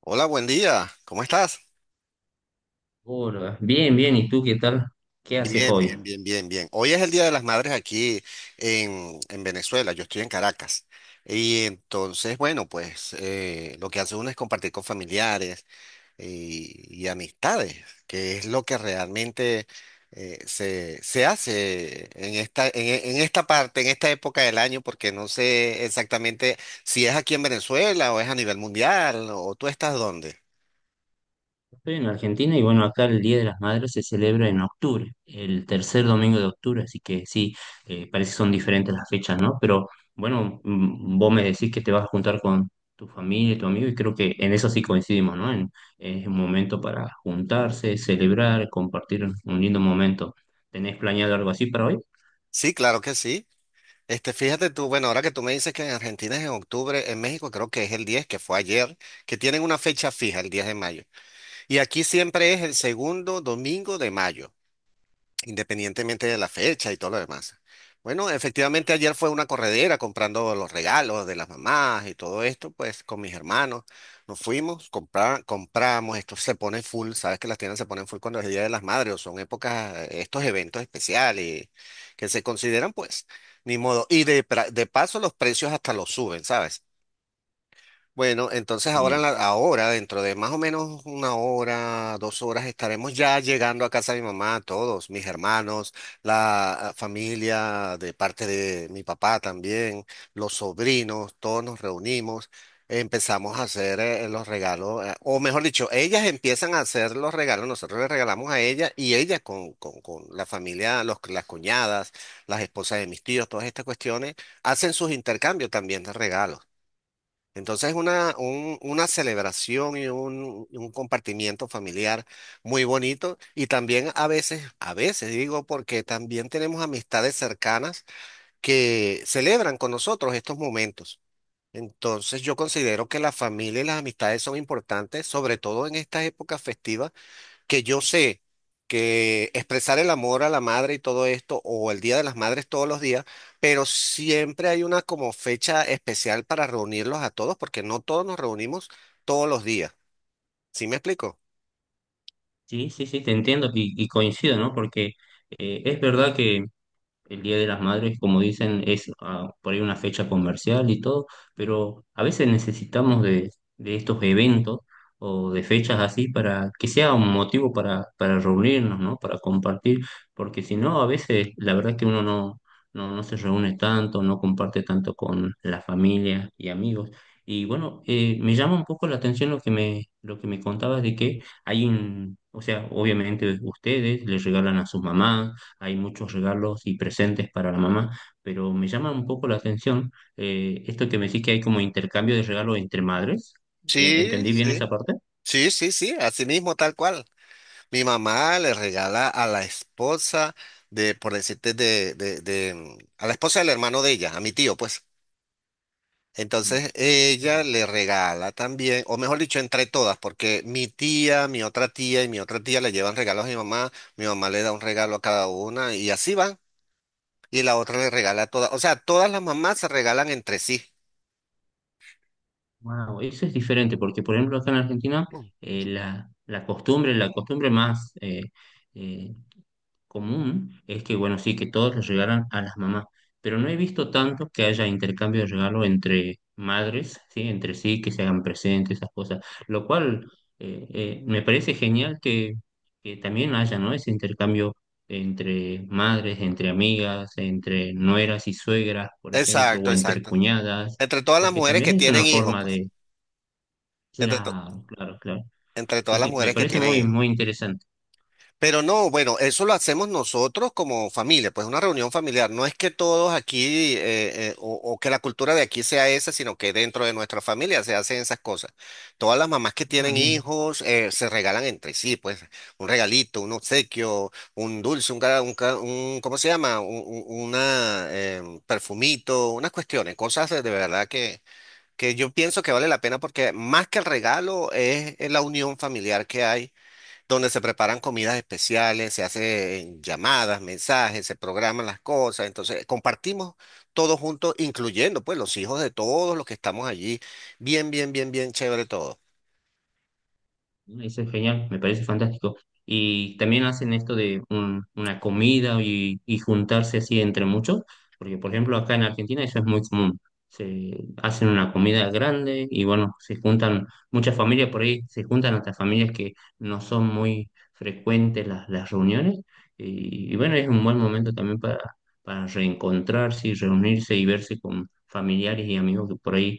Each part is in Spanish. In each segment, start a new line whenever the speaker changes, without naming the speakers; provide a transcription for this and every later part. Hola, buen día. ¿Cómo estás?
Hola, bien, bien, ¿y tú qué tal? ¿Qué haces
Bien,
hoy?
bien, bien, bien, bien. Hoy es el Día de las Madres aquí en Venezuela. Yo estoy en Caracas. Y entonces, bueno, pues lo que hace uno es compartir con familiares y amistades, que es lo que realmente se hace en esta parte, en esta época del año, porque no sé exactamente si es aquí en Venezuela o es a nivel mundial o tú estás dónde.
Estoy en Argentina y bueno, acá el Día de las Madres se celebra en octubre, el tercer domingo de octubre, así que sí, parece que son diferentes las fechas, ¿no? Pero bueno, vos me decís que te vas a juntar con tu familia y tu amigo y creo que en eso sí coincidimos, ¿no? En, es un momento para juntarse, celebrar, compartir un lindo momento. ¿Tenés planeado algo así para hoy?
Sí, claro que sí. Este, fíjate tú, bueno, ahora que tú me dices que en Argentina es en octubre, en México creo que es el 10, que fue ayer, que tienen una fecha fija, el 10 de mayo. Y aquí siempre es el segundo domingo de mayo independientemente de la fecha y todo lo demás. Bueno, efectivamente ayer fue una corredera comprando los regalos de las mamás y todo esto, pues con mis hermanos nos fuimos, compramos, esto se pone full, sabes que las tiendas se ponen full cuando es el Día de las Madres o son épocas, estos eventos especiales que se consideran pues, ni modo. Y de paso los precios hasta los suben, ¿sabes? Bueno, entonces ahora,
Sí,
ahora, dentro de más o menos una hora, dos horas, estaremos ya llegando a casa de mi mamá, todos, mis hermanos, la familia de parte de mi papá también, los sobrinos, todos nos reunimos, empezamos a hacer los regalos, o mejor dicho, ellas empiezan a hacer los regalos, nosotros les regalamos a ella y ella con la familia, las cuñadas, las esposas de mis tíos, todas estas cuestiones, hacen sus intercambios también de regalos. Entonces es una celebración y un compartimiento familiar muy bonito y también a veces digo, porque también tenemos amistades cercanas que celebran con nosotros estos momentos. Entonces yo considero que la familia y las amistades son importantes, sobre todo en estas épocas festivas que yo sé que expresar el amor a la madre y todo esto, o el Día de las Madres todos los días, pero siempre hay una como fecha especial para reunirlos a todos, porque no todos nos reunimos todos los días. ¿Sí me explico?
sí, sí, sí, te entiendo y coincido, ¿no? Porque es verdad que... El Día de las Madres, como dicen, es ah, por ahí una fecha comercial y todo, pero a veces necesitamos de estos eventos o de fechas así para que sea un motivo para reunirnos, ¿no? Para compartir, porque si no, a veces la verdad es que uno no se reúne tanto, no comparte tanto con la familia y amigos. Y bueno, me llama un poco la atención lo que me contabas de que hay un, o sea, obviamente ustedes les regalan a sus mamás, hay muchos regalos y presentes para la mamá, pero me llama un poco la atención esto que me decís que hay como intercambio de regalos entre madres.
Sí,
¿Entendí bien
sí.
esa parte?
Sí, sí, sí, así mismo, tal cual. Mi mamá le regala a la esposa de, por decirte, a la esposa del hermano de ella, a mi tío, pues.
Mm.
Entonces ella le regala también, o mejor dicho, entre todas, porque mi tía, mi otra tía y mi otra tía le llevan regalos a mi mamá le da un regalo a cada una y así van, y la otra le regala a todas, o sea, todas las mamás se regalan entre sí.
Wow, eso es diferente porque, por ejemplo, acá en Argentina,
Mm.
la, la costumbre más, eh, común es que, bueno, sí, que todos les regalan a las mamás, pero no he visto tanto que haya intercambio de regalo entre madres, ¿sí? Entre sí, que se hagan presentes, esas cosas, lo cual me parece genial que también haya, ¿no? Ese intercambio entre madres, entre amigas, entre nueras y suegras, por ejemplo,
Exacto,
o entre
exacto.
cuñadas,
Entre todas las
porque
mujeres
también
que
es una
tienen hijos,
forma
pues,
de...
entre, to-
Claro, claro, claro.
entre
Sí,
todas las
sí, me
mujeres que
parece
tienen
muy,
hijos.
muy interesante.
Pero no, bueno, eso lo hacemos nosotros como familia, pues una reunión familiar. No es que todos aquí o que la cultura de aquí sea esa, sino que dentro de nuestra familia se hacen esas cosas. Todas las mamás que
Ah,
tienen
bien.
hijos se regalan entre sí, pues un regalito, un obsequio, un dulce, ¿cómo se llama? Una perfumito, unas cuestiones, cosas de verdad que yo pienso que vale la pena porque más que el regalo es la unión familiar que hay donde se preparan comidas especiales, se hacen llamadas, mensajes, se programan las cosas. Entonces, compartimos todos juntos, incluyendo pues los hijos de todos los que estamos allí. Bien, bien, bien, bien chévere todo.
¿No? Eso es genial, me parece fantástico. Y también hacen esto de una comida y juntarse así entre muchos, porque por ejemplo acá en Argentina eso es muy común. Se hacen una comida grande y bueno, se juntan muchas familias por ahí, se juntan hasta familias que no son muy frecuentes las reuniones. Y bueno, es un buen momento también para reencontrarse y reunirse y verse con familiares y amigos que por ahí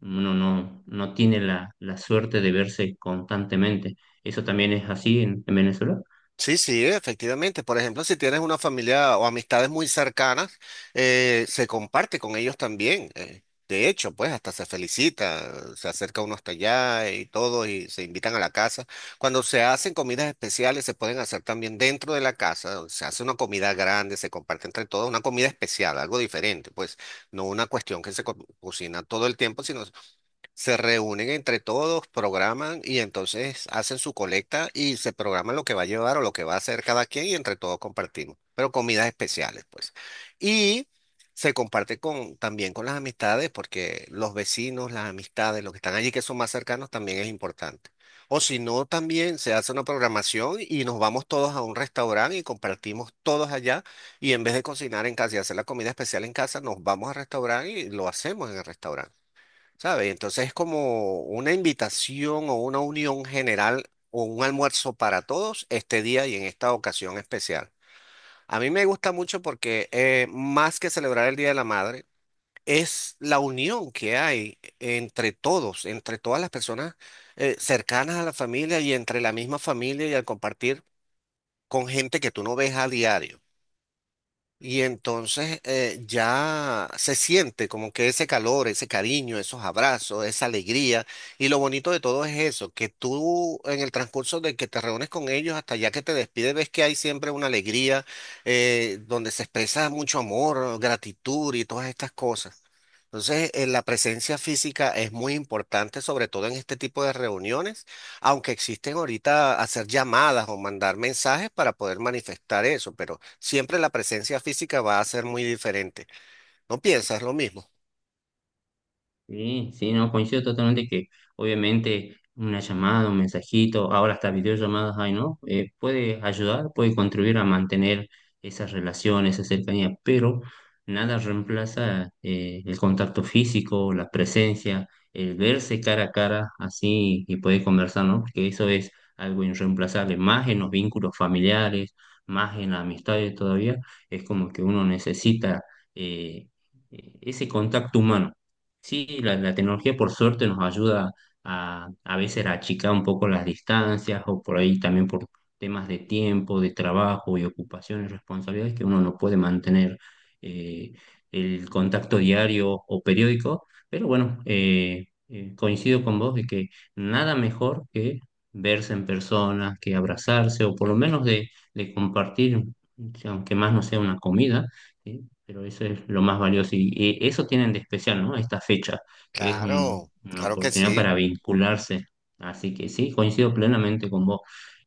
uno no tiene la, la suerte de verse constantemente. ¿Eso también es así en Venezuela?
Sí, sí, efectivamente. Por ejemplo, si tienes una familia o amistades muy cercanas, se comparte con ellos también. De hecho, pues hasta se felicita, se acerca uno hasta allá y todo, y se invitan a la casa. Cuando se hacen comidas especiales, se pueden hacer también dentro de la casa. O se hace una comida grande, se comparte entre todos, una comida especial, algo diferente, pues no una cuestión que cocina todo el tiempo, sino se reúnen entre todos, programan y entonces hacen su colecta y se programan lo que va a llevar o lo que va a hacer cada quien y entre todos compartimos, pero comidas especiales, pues. Y se comparte con, también con las amistades porque los vecinos, las amistades, los que están allí que son más cercanos también es importante. O si no, también se hace una programación y nos vamos todos a un restaurante y compartimos todos allá y en vez de cocinar en casa y hacer la comida especial en casa, nos vamos al restaurante y lo hacemos en el restaurante. ¿Sabes? Entonces es como una invitación o una unión general o un almuerzo para todos este día y en esta ocasión especial. A mí me gusta mucho porque más que celebrar el Día de la Madre, es la unión que hay entre todos, entre todas las personas cercanas a la familia y entre la misma familia y al compartir con gente que tú no ves a diario. Y entonces ya se siente como que ese calor, ese cariño, esos abrazos, esa alegría. Y lo bonito de todo es eso, que tú en el transcurso de que te reúnes con ellos hasta ya que te despides, ves que hay siempre una alegría donde se expresa mucho amor, gratitud y todas estas cosas. Entonces, la presencia física es muy importante, sobre todo en este tipo de reuniones, aunque existen ahorita hacer llamadas o mandar mensajes para poder manifestar eso, pero siempre la presencia física va a ser muy diferente. ¿No piensas lo mismo?
Sí, sí, no, coincido totalmente que obviamente una llamada, un mensajito, ahora hasta videollamadas hay, ¿no? Puede ayudar, puede contribuir a mantener esas relaciones, esa cercanía, pero nada reemplaza el contacto físico, la presencia, el verse cara a cara así y poder conversar, ¿no? Porque eso es algo irreemplazable, más en los vínculos familiares, más en las amistades todavía, es como que uno necesita eh, ese contacto humano. Sí, la tecnología por suerte nos ayuda a veces a achicar un poco las distancias o por ahí también por temas de tiempo, de trabajo y ocupaciones, responsabilidades que uno no puede mantener eh, el contacto diario o periódico. Pero bueno, coincido con vos de que nada mejor que verse en persona, que abrazarse o por lo menos de compartir, aunque más no sea una comida. ¿Sí? Pero eso es lo más valioso y, eso tienen de especial, ¿no? Esta fecha, que es
Claro,
una
claro que
oportunidad
sí.
para vincularse. Así que sí, coincido plenamente con vos.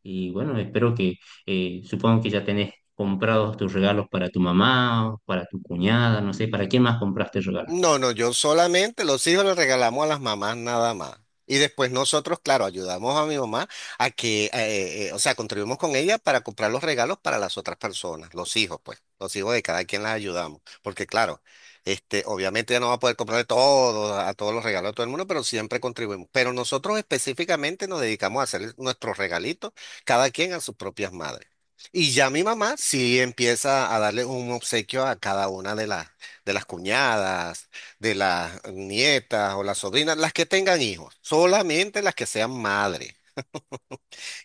Y bueno, espero que, supongo que ya tenés comprados tus regalos para tu mamá, o para tu cuñada, no sé, ¿para quién más compraste regalos?
No, no, yo solamente los hijos les regalamos a las mamás nada más. Y después nosotros, claro, ayudamos a mi mamá a que, o sea, contribuimos con ella para comprar los regalos para las otras personas, los hijos, pues, los hijos de cada quien las ayudamos. Porque claro, este, obviamente ya no va a poder comprarle todo, a todos los regalos a todo el mundo, pero siempre contribuimos. Pero nosotros específicamente nos dedicamos a hacer nuestros regalitos, cada quien a sus propias madres. Y ya mi mamá sí empieza a darle un obsequio a cada una de las cuñadas, de las nietas o las sobrinas, las que tengan hijos, solamente las que sean madres.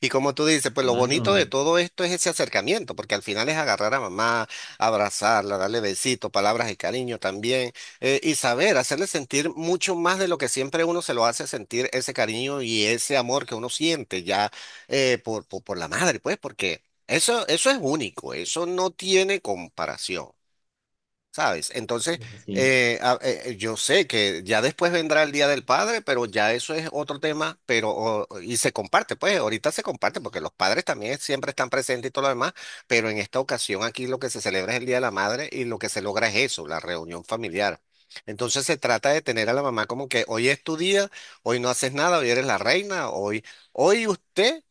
Y como tú dices, pues lo bonito de
Claro,
todo esto es ese acercamiento, porque al final es agarrar a mamá, abrazarla, darle besitos, palabras de cariño también, y saber, hacerle sentir mucho más de lo que siempre uno se lo hace sentir, ese cariño y ese amor que uno siente ya por la madre, pues, porque eso es único, eso no tiene comparación. ¿Sabes? Entonces,
sí,
yo sé que ya después vendrá el Día del Padre, pero ya eso es otro tema, y se comparte, pues ahorita se comparte porque los padres también siempre están presentes y todo lo demás, pero en esta ocasión aquí lo que se celebra es el Día de la Madre y lo que se logra es eso, la reunión familiar. Entonces se trata de tener a la mamá como que hoy es tu día, hoy no haces nada, hoy eres la reina, hoy, hoy usted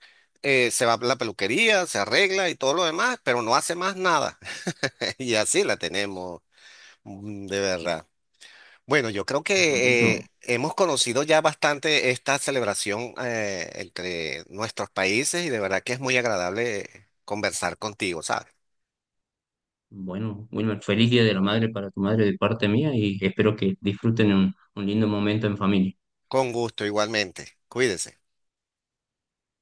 se va a la peluquería, se arregla y todo lo demás, pero no hace más nada. Y así la tenemos. Mm, de verdad. Bueno, yo creo que
buenísimo.
hemos conocido ya bastante esta celebración entre nuestros países y de verdad que es muy agradable conversar contigo, ¿sabes?
Bueno, Wilmer, feliz Día de la Madre para tu madre de parte mía y espero que disfruten un lindo momento en familia.
Con gusto, igualmente. Cuídese.